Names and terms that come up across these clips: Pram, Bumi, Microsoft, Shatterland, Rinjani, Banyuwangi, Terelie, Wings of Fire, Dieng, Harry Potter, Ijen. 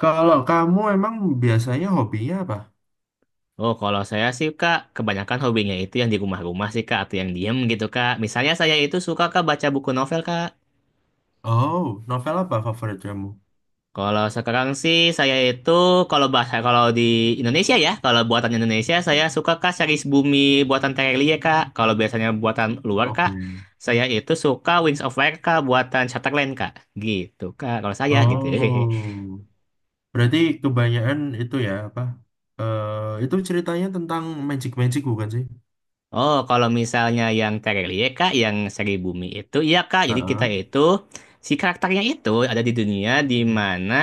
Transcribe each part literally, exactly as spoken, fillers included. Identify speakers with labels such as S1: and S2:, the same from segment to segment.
S1: Kalau kamu emang biasanya hobinya apa?
S2: Oh, kalau saya sih, Kak, kebanyakan hobinya itu yang di rumah-rumah sih, Kak, atau yang diem gitu, Kak. Misalnya saya itu suka, Kak, baca buku novel, Kak.
S1: Oh, novel apa favorit kamu?
S2: Kalau sekarang sih, saya itu, kalau bahasa, kalau di Indonesia ya, kalau buatan Indonesia, saya suka, Kak, series Bumi buatan Terelie, Kak. Kalau biasanya buatan luar, Kak,
S1: Oke.
S2: saya itu suka Wings of Fire, Kak, buatan Shatterland, Kak. Gitu, Kak, kalau saya gitu.
S1: Oh, berarti kebanyakan itu ya apa? Eh, itu ceritanya tentang magic-magic bukan sih?
S2: Oh, kalau misalnya yang Terelie, Kak, yang seri bumi itu, iya, Kak. Jadi kita
S1: Heeh.
S2: itu, si karakternya itu ada di dunia di
S1: Hmm.
S2: mana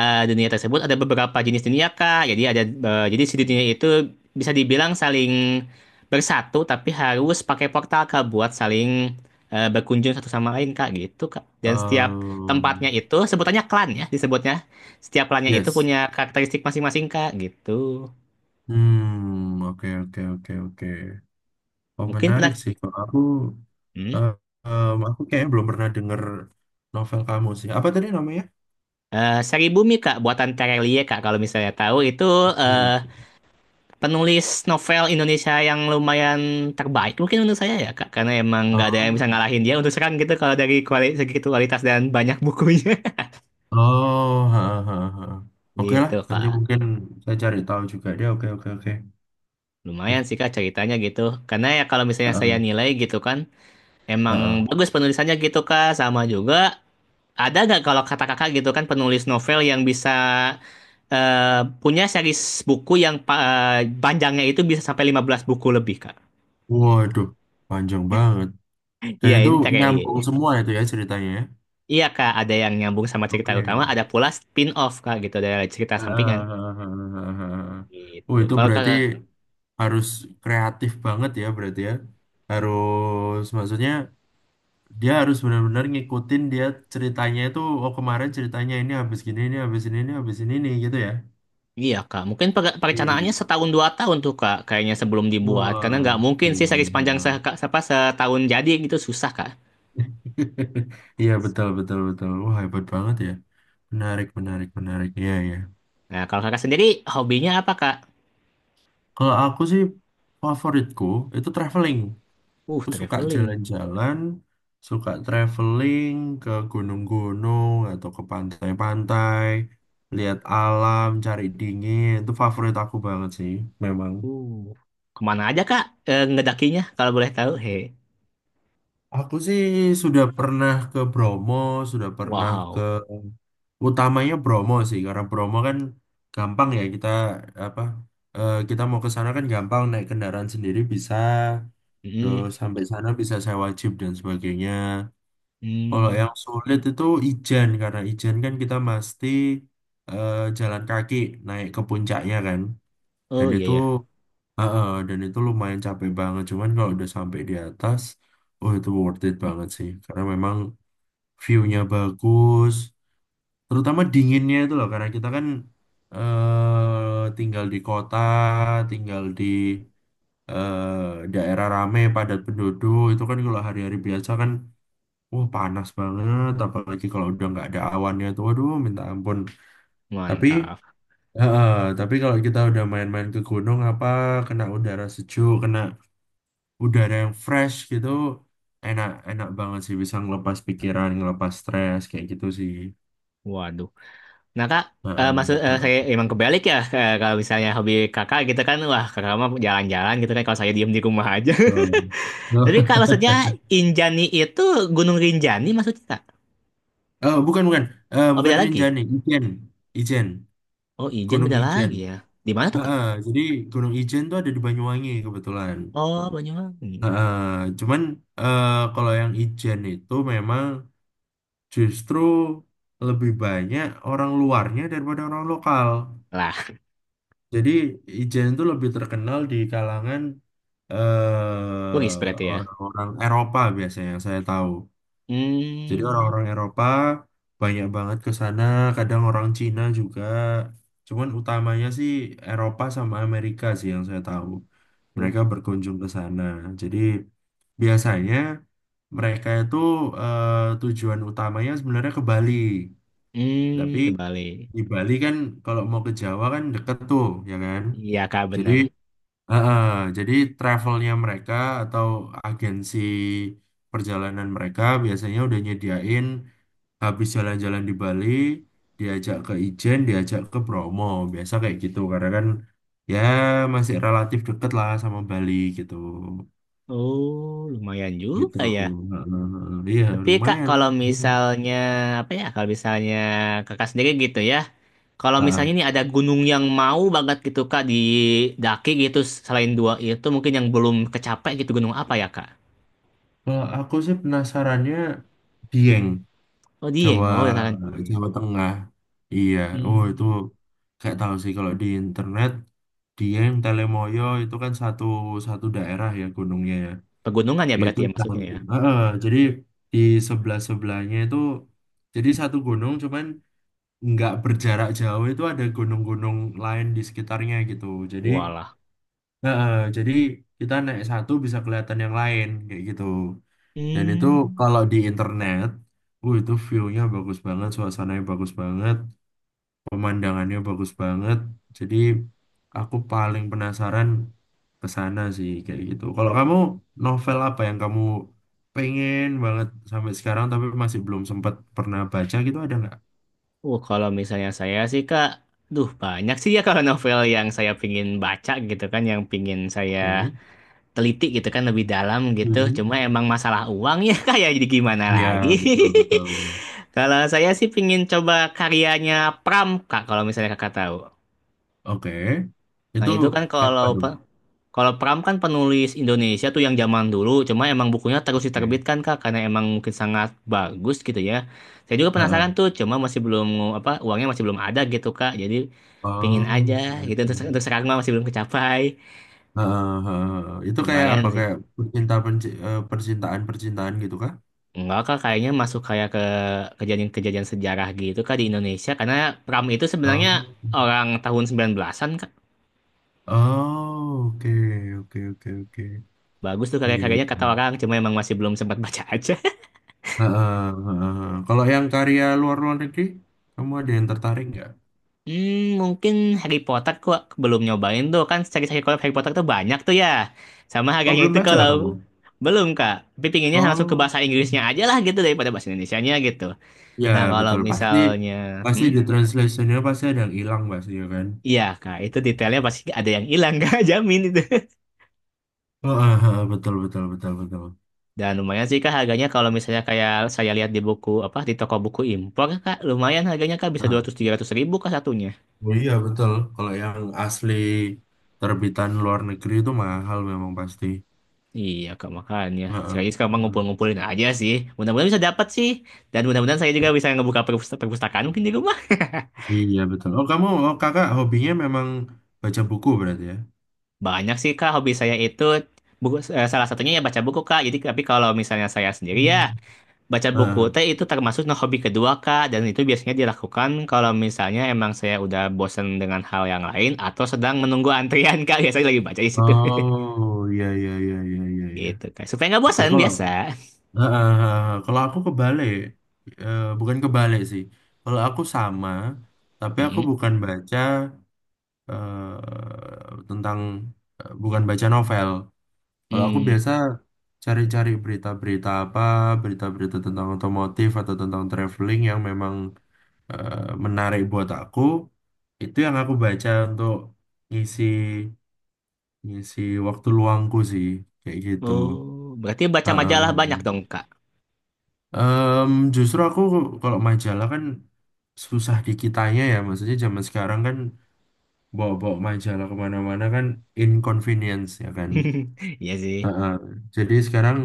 S2: eh, dunia tersebut ada beberapa jenis dunia, Kak. Jadi ada, eh, jadi si dunia itu bisa dibilang saling bersatu, tapi harus pakai portal, Kak, buat saling eh, berkunjung satu sama lain, Kak, gitu, Kak. Dan setiap
S1: Um,
S2: tempatnya itu sebutannya klan ya, disebutnya. Setiap klannya itu
S1: yes.
S2: punya karakteristik masing-masing, Kak, gitu.
S1: Hmm, oke, oke, oke, oke. Oh,
S2: Mungkin
S1: menarik
S2: pernah.
S1: sih. Kalau aku,
S2: Hmm?
S1: eh, em, aku kayaknya belum pernah denger novel kamu sih. Apa tadi namanya?
S2: Eh, Sari bumi Kak, buatan Terelie Kak kalau misalnya tahu itu eh,
S1: Oke.
S2: penulis novel Indonesia yang lumayan terbaik mungkin menurut saya ya Kak karena emang nggak ada yang
S1: Oh.
S2: bisa ngalahin dia untuk sekarang gitu kalau dari kuali- segi kualitas dan banyak bukunya
S1: Oh, ha, ha, ha. Oke lah,
S2: gitu
S1: nanti
S2: Kak.
S1: mungkin saya cari tahu juga dia. Oke, oke, oke,
S2: Lumayan
S1: oke.
S2: sih Kak ceritanya gitu. Karena ya kalau
S1: Ha,
S2: misalnya saya nilai gitu kan
S1: ha.
S2: emang bagus penulisannya gitu Kak sama juga ada nggak kalau kata kakak gitu kan penulis novel yang bisa eh, punya series buku yang pa- eh, panjangnya itu bisa sampai lima belas buku lebih, Kak?
S1: Waduh, panjang banget. Dan
S2: Iya,
S1: itu
S2: ini Tereli.
S1: nyambung semua itu ya ceritanya, ya?
S2: Iya, Kak, ada yang nyambung sama cerita utama,
S1: Oke.
S2: ada pula spin-off, Kak, gitu, dari cerita
S1: Ha, ha,
S2: sampingan.
S1: ha, ha, ha, ha, ha. Oh,
S2: Gitu.
S1: itu
S2: Kalau Kak,
S1: berarti harus kreatif banget ya, berarti ya. Harus, maksudnya dia harus benar-benar ngikutin dia ceritanya itu. Oh, kemarin ceritanya ini habis gini, ini habis ini, ini habis ini, ini gitu ya.
S2: iya, Kak, mungkin per- perencanaannya
S1: Iya.
S2: setahun dua tahun tuh, Kak, kayaknya sebelum dibuat. Karena
S1: Wah,
S2: nggak mungkin sih series panjang se
S1: iya.
S2: Kak, apa, setahun jadi gitu, susah, Kak.
S1: Iya, betul, betul, betul. Wah, hebat banget ya. Menarik, menarik, menarik. Iya, iya.
S2: Nah, kalau kakak sendiri, hobinya apa, Kak?
S1: Kalau aku sih favoritku itu traveling.
S2: Uh,
S1: Aku suka
S2: traveling.
S1: jalan-jalan, suka traveling ke gunung-gunung atau ke pantai-pantai, lihat alam, cari dingin. Itu favorit aku banget sih, memang.
S2: Uh, kemana aja Kak eh, ngedakinya kalau boleh tahu? He,
S1: Aku sih sudah pernah ke Bromo, sudah pernah ke
S2: wow.
S1: utamanya Bromo sih, karena Bromo kan gampang ya kita apa eh, kita mau ke sana kan gampang, naik kendaraan sendiri bisa,
S2: Mm,
S1: terus sampai sana bisa sewa jeep dan sebagainya. Kalau
S2: mm.
S1: yang sulit itu Ijen, karena Ijen kan kita mesti eh, jalan kaki naik ke puncaknya kan, dan
S2: Oh iya
S1: itu
S2: ya,
S1: heeh, dan itu lumayan capek banget. Cuman kalau udah sampai di atas, oh itu worth it banget sih. Karena memang view-nya bagus. Terutama dinginnya itu loh. Karena kita kan eh tinggal di kota, tinggal di eh, daerah rame, padat penduduk. Itu kan kalau hari-hari biasa kan, wah panas banget. Apalagi kalau udah nggak ada awannya tuh, aduh minta ampun. Tapi
S2: mantap.
S1: heeh, tapi kalau kita udah main-main ke gunung apa, kena udara sejuk, kena udah ada yang fresh gitu, enak, enak banget sih, bisa ngelepas pikiran, ngelepas stres kayak gitu sih.
S2: Waduh. Nah Kak, eh,
S1: Heeh,
S2: maksud eh, saya
S1: heeh,
S2: emang kebalik ya eh, kalau misalnya hobi Kakak gitu kan, wah Kakak mah jalan-jalan gitu kan kalau saya diem di rumah aja.
S1: betul.
S2: Tapi Kak maksudnya Injani itu Gunung Rinjani maksudnya Kak?
S1: Eh, bukan bukan Eh,
S2: Oh
S1: bukan
S2: beda lagi.
S1: Rinjani, Ijen. Ijen.
S2: Oh Ijen
S1: Gunung
S2: beda
S1: Ijen.
S2: lagi ya. Di mana tuh Kak?
S1: Heeh, jadi Gunung Ijen tuh ada di Banyuwangi kebetulan.
S2: Oh Banyuwangi.
S1: Heeh, cuman eh, kalau yang Ijen itu memang justru lebih banyak orang luarnya daripada orang lokal.
S2: Lah,
S1: Jadi Ijen itu lebih terkenal di kalangan
S2: logis berarti
S1: eh,
S2: ya.
S1: orang-orang Eropa biasanya yang saya tahu. Jadi
S2: Hmm.
S1: orang-orang Eropa banyak banget ke sana, kadang orang Cina juga. Cuman utamanya sih Eropa sama Amerika sih yang saya tahu.
S2: Uh.
S1: Mereka berkunjung ke sana. Jadi biasanya mereka itu eh, tujuan utamanya sebenarnya ke Bali. Tapi
S2: Hmm, kebalik.
S1: di Bali kan kalau mau ke Jawa kan deket tuh, ya kan?
S2: Iya kak
S1: Jadi
S2: bener.
S1: heeh, jadi travelnya mereka atau agensi perjalanan mereka biasanya udah nyediain, habis jalan-jalan di Bali, diajak ke Ijen, diajak ke Bromo, biasa kayak gitu karena kan ya masih relatif deket lah sama Bali gitu,
S2: Oh lumayan
S1: gitu.
S2: juga ya.
S1: Heeh, heeh. Iya,
S2: Tapi kak
S1: lumayan.
S2: kalau misalnya apa ya kalau misalnya kakak sendiri gitu ya. Kalau
S1: Heeh.
S2: misalnya nih ada gunung yang mau banget gitu kak didaki gitu selain dua itu mungkin yang belum kecapek gitu gunung apa ya kak?
S1: Kalau aku sih penasarannya Dieng.
S2: Oh Dieng.
S1: Jawa,
S2: Oh ya kan Dieng.
S1: Jawa Tengah. Iya, oh itu
S2: Hmm,
S1: kayak tahu sih, kalau di internet Dieng Telemoyo itu kan satu, satu daerah ya gunungnya ya.
S2: pegunungan ya
S1: Itu
S2: berarti ya maksudnya
S1: campur.
S2: ya.
S1: Heeh, jadi di sebelah sebelahnya itu jadi satu gunung, cuman nggak berjarak jauh itu ada gunung-gunung lain di sekitarnya gitu. Jadi
S2: Walah.
S1: heeh, jadi kita naik satu bisa kelihatan yang lain kayak gitu. Dan itu
S2: Hmm.
S1: kalau di internet, uh itu view-nya bagus banget, suasananya bagus banget, pemandangannya bagus banget. Jadi aku paling penasaran ke sana sih kayak gitu. Kalau kamu, novel apa yang kamu pengen banget sampai sekarang tapi masih belum sempat pernah baca gitu, ada nggak?
S2: Uh, kalau misalnya saya sih Kak, duh banyak sih ya kalau novel yang saya pingin baca gitu kan, yang pingin saya
S1: Oke.
S2: teliti gitu kan lebih dalam gitu.
S1: Hmm.
S2: Cuma emang masalah uang ya kayak jadi gimana
S1: Ya,
S2: lagi.
S1: betul, betul, betul.
S2: Kalau saya sih pingin coba karyanya Pram Kak kalau misalnya Kakak tahu.
S1: Oke.
S2: Nah,
S1: Itu
S2: itu kan
S1: kayak
S2: kalau
S1: apa tuh?
S2: pe- kalau Pram kan penulis Indonesia tuh yang zaman dulu, cuma emang bukunya terus
S1: Oke.
S2: diterbitkan Kak karena emang mungkin sangat bagus gitu ya. Saya juga penasaran
S1: Heeh.
S2: tuh, cuma masih belum apa uangnya masih belum ada gitu Kak. Jadi pingin aja
S1: Oh, oke,
S2: gitu untuk, untuk
S1: oke.
S2: sekarang mah masih belum kecapai.
S1: Heeh, heeh, heeh. Itu kayak apa?
S2: Lumayan sih.
S1: Kayak percintaan, percintaan, percintaan gitu kah?
S2: Enggak kak, kayaknya masuk kayak ke kejadian-kejadian sejarah gitu kak di Indonesia. Karena Pram itu sebenarnya
S1: Oh,
S2: orang tahun sembilan belas an-an kak.
S1: oh, oke, oke, oke, oke.
S2: Bagus tuh
S1: Iya, iya.
S2: karya-karyanya kata orang, cuma emang masih belum sempat baca aja.
S1: Heeh, heeh, heeh. Kalau yang karya luar, luar negeri, kamu ada yang tertarik nggak?
S2: Hmm, mungkin Harry Potter kok belum nyobain tuh. Kan cari-cari kolab Harry Potter tuh banyak tuh ya. Sama
S1: Oh,
S2: harganya
S1: belum
S2: itu
S1: baca kamu?
S2: kalau belum kak. Tapi pinginnya langsung ke
S1: Oh,
S2: bahasa Inggrisnya aja lah gitu daripada bahasa Indonesianya gitu.
S1: ya
S2: Nah kalau
S1: betul. Pasti,
S2: misalnya,
S1: pasti
S2: hmm,
S1: di translationnya pasti ada yang hilang pasti ya kan?
S2: iya kak, itu detailnya pasti ada yang hilang kak, jamin itu.
S1: Heeh, heeh, betul, betul, betul, betul.
S2: Dan lumayan sih Kak harganya kalau misalnya kayak saya lihat di buku apa di toko buku impor Kak, lumayan harganya Kak bisa dua ratus tiga ratus ribu Kak satunya.
S1: Oh iya betul, kalau yang asli terbitan luar negeri itu mahal memang pasti.
S2: Iya Kak makanya.
S1: Heeh,
S2: Sekarang sekarang mah
S1: heeh.
S2: ngumpul-ngumpulin aja sih. Mudah-mudahan bisa dapat sih. Dan mudah-mudahan saya juga bisa ngebuka perpust- perpustakaan mungkin di rumah.
S1: Iya betul. Oh kamu, oh, kakak hobinya memang baca buku berarti ya?
S2: Banyak sih Kak hobi saya itu buku eh, salah satunya ya baca buku Kak. Jadi tapi kalau misalnya saya sendiri ya
S1: Hmm.
S2: baca buku
S1: Heeh.
S2: teh itu termasuk nah, hobi kedua Kak dan itu biasanya dilakukan kalau misalnya emang saya udah bosen dengan hal yang lain atau sedang menunggu antrian Kak biasanya lagi baca di situ
S1: Oh iya, iya, iya, iya, iya, iya.
S2: gitu Kak supaya nggak
S1: Oke,
S2: bosan
S1: kalau
S2: biasa.
S1: heeh, heeh, heeh, kalau aku kebalik. Eh, bukan kebalik sih. Kalau aku sama, tapi aku
S2: Mm-mm.
S1: bukan baca eh, tentang eh, bukan baca novel. Kalau aku
S2: Mm.
S1: biasa cari-cari berita-berita apa, berita-berita tentang otomotif atau tentang traveling yang memang eh, menarik buat aku, itu yang aku baca untuk ngisi ngisi waktu luangku sih, kayak gitu.
S2: Oh berarti baca majalah banyak
S1: Heeh.
S2: dong Kak.
S1: Em, justru aku kalau majalah kan susah dikitanya ya, maksudnya zaman sekarang kan bawa-bawa majalah kemana-mana kan inconvenience ya kan.
S2: Iya sih.
S1: Heeh. Jadi sekarang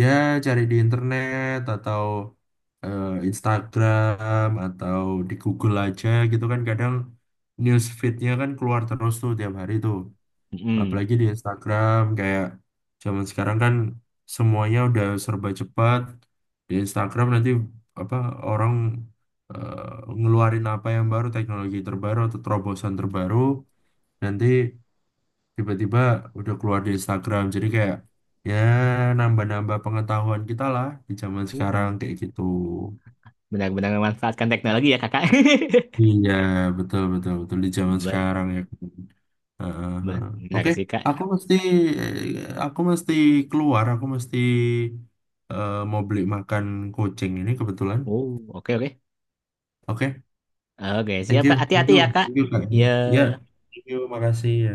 S1: ya cari di internet atau eh, Instagram atau di Google aja gitu kan, kadang news feed-nya kan keluar terus tuh tiap hari tuh.
S2: Mm.
S1: Apalagi di Instagram kayak zaman sekarang kan semuanya udah serba cepat. Di Instagram nanti apa orang eh, ngeluarin apa yang baru, teknologi terbaru atau terobosan terbaru, nanti tiba-tiba udah keluar di Instagram jadi kayak ya nambah-nambah pengetahuan kita lah di zaman sekarang
S2: Uh,
S1: kayak gitu.
S2: benar-benar memanfaatkan teknologi ya Kakak.
S1: Iya, betul, betul, betul di zaman sekarang
S2: ben
S1: ya. Heeh,
S2: ben,
S1: heeh.
S2: benar
S1: Oke,
S2: sih
S1: aku
S2: Kak.
S1: mesti aku mesti keluar, aku mesti eh, mau beli makan kucing ini kebetulan.
S2: Oh oke oke
S1: Oke,
S2: oke
S1: thank
S2: siap Kak
S1: you, thank
S2: hati-hati
S1: you,
S2: ya Kak
S1: thank you Kak, ya,
S2: ya.
S1: thank you, makasih ya.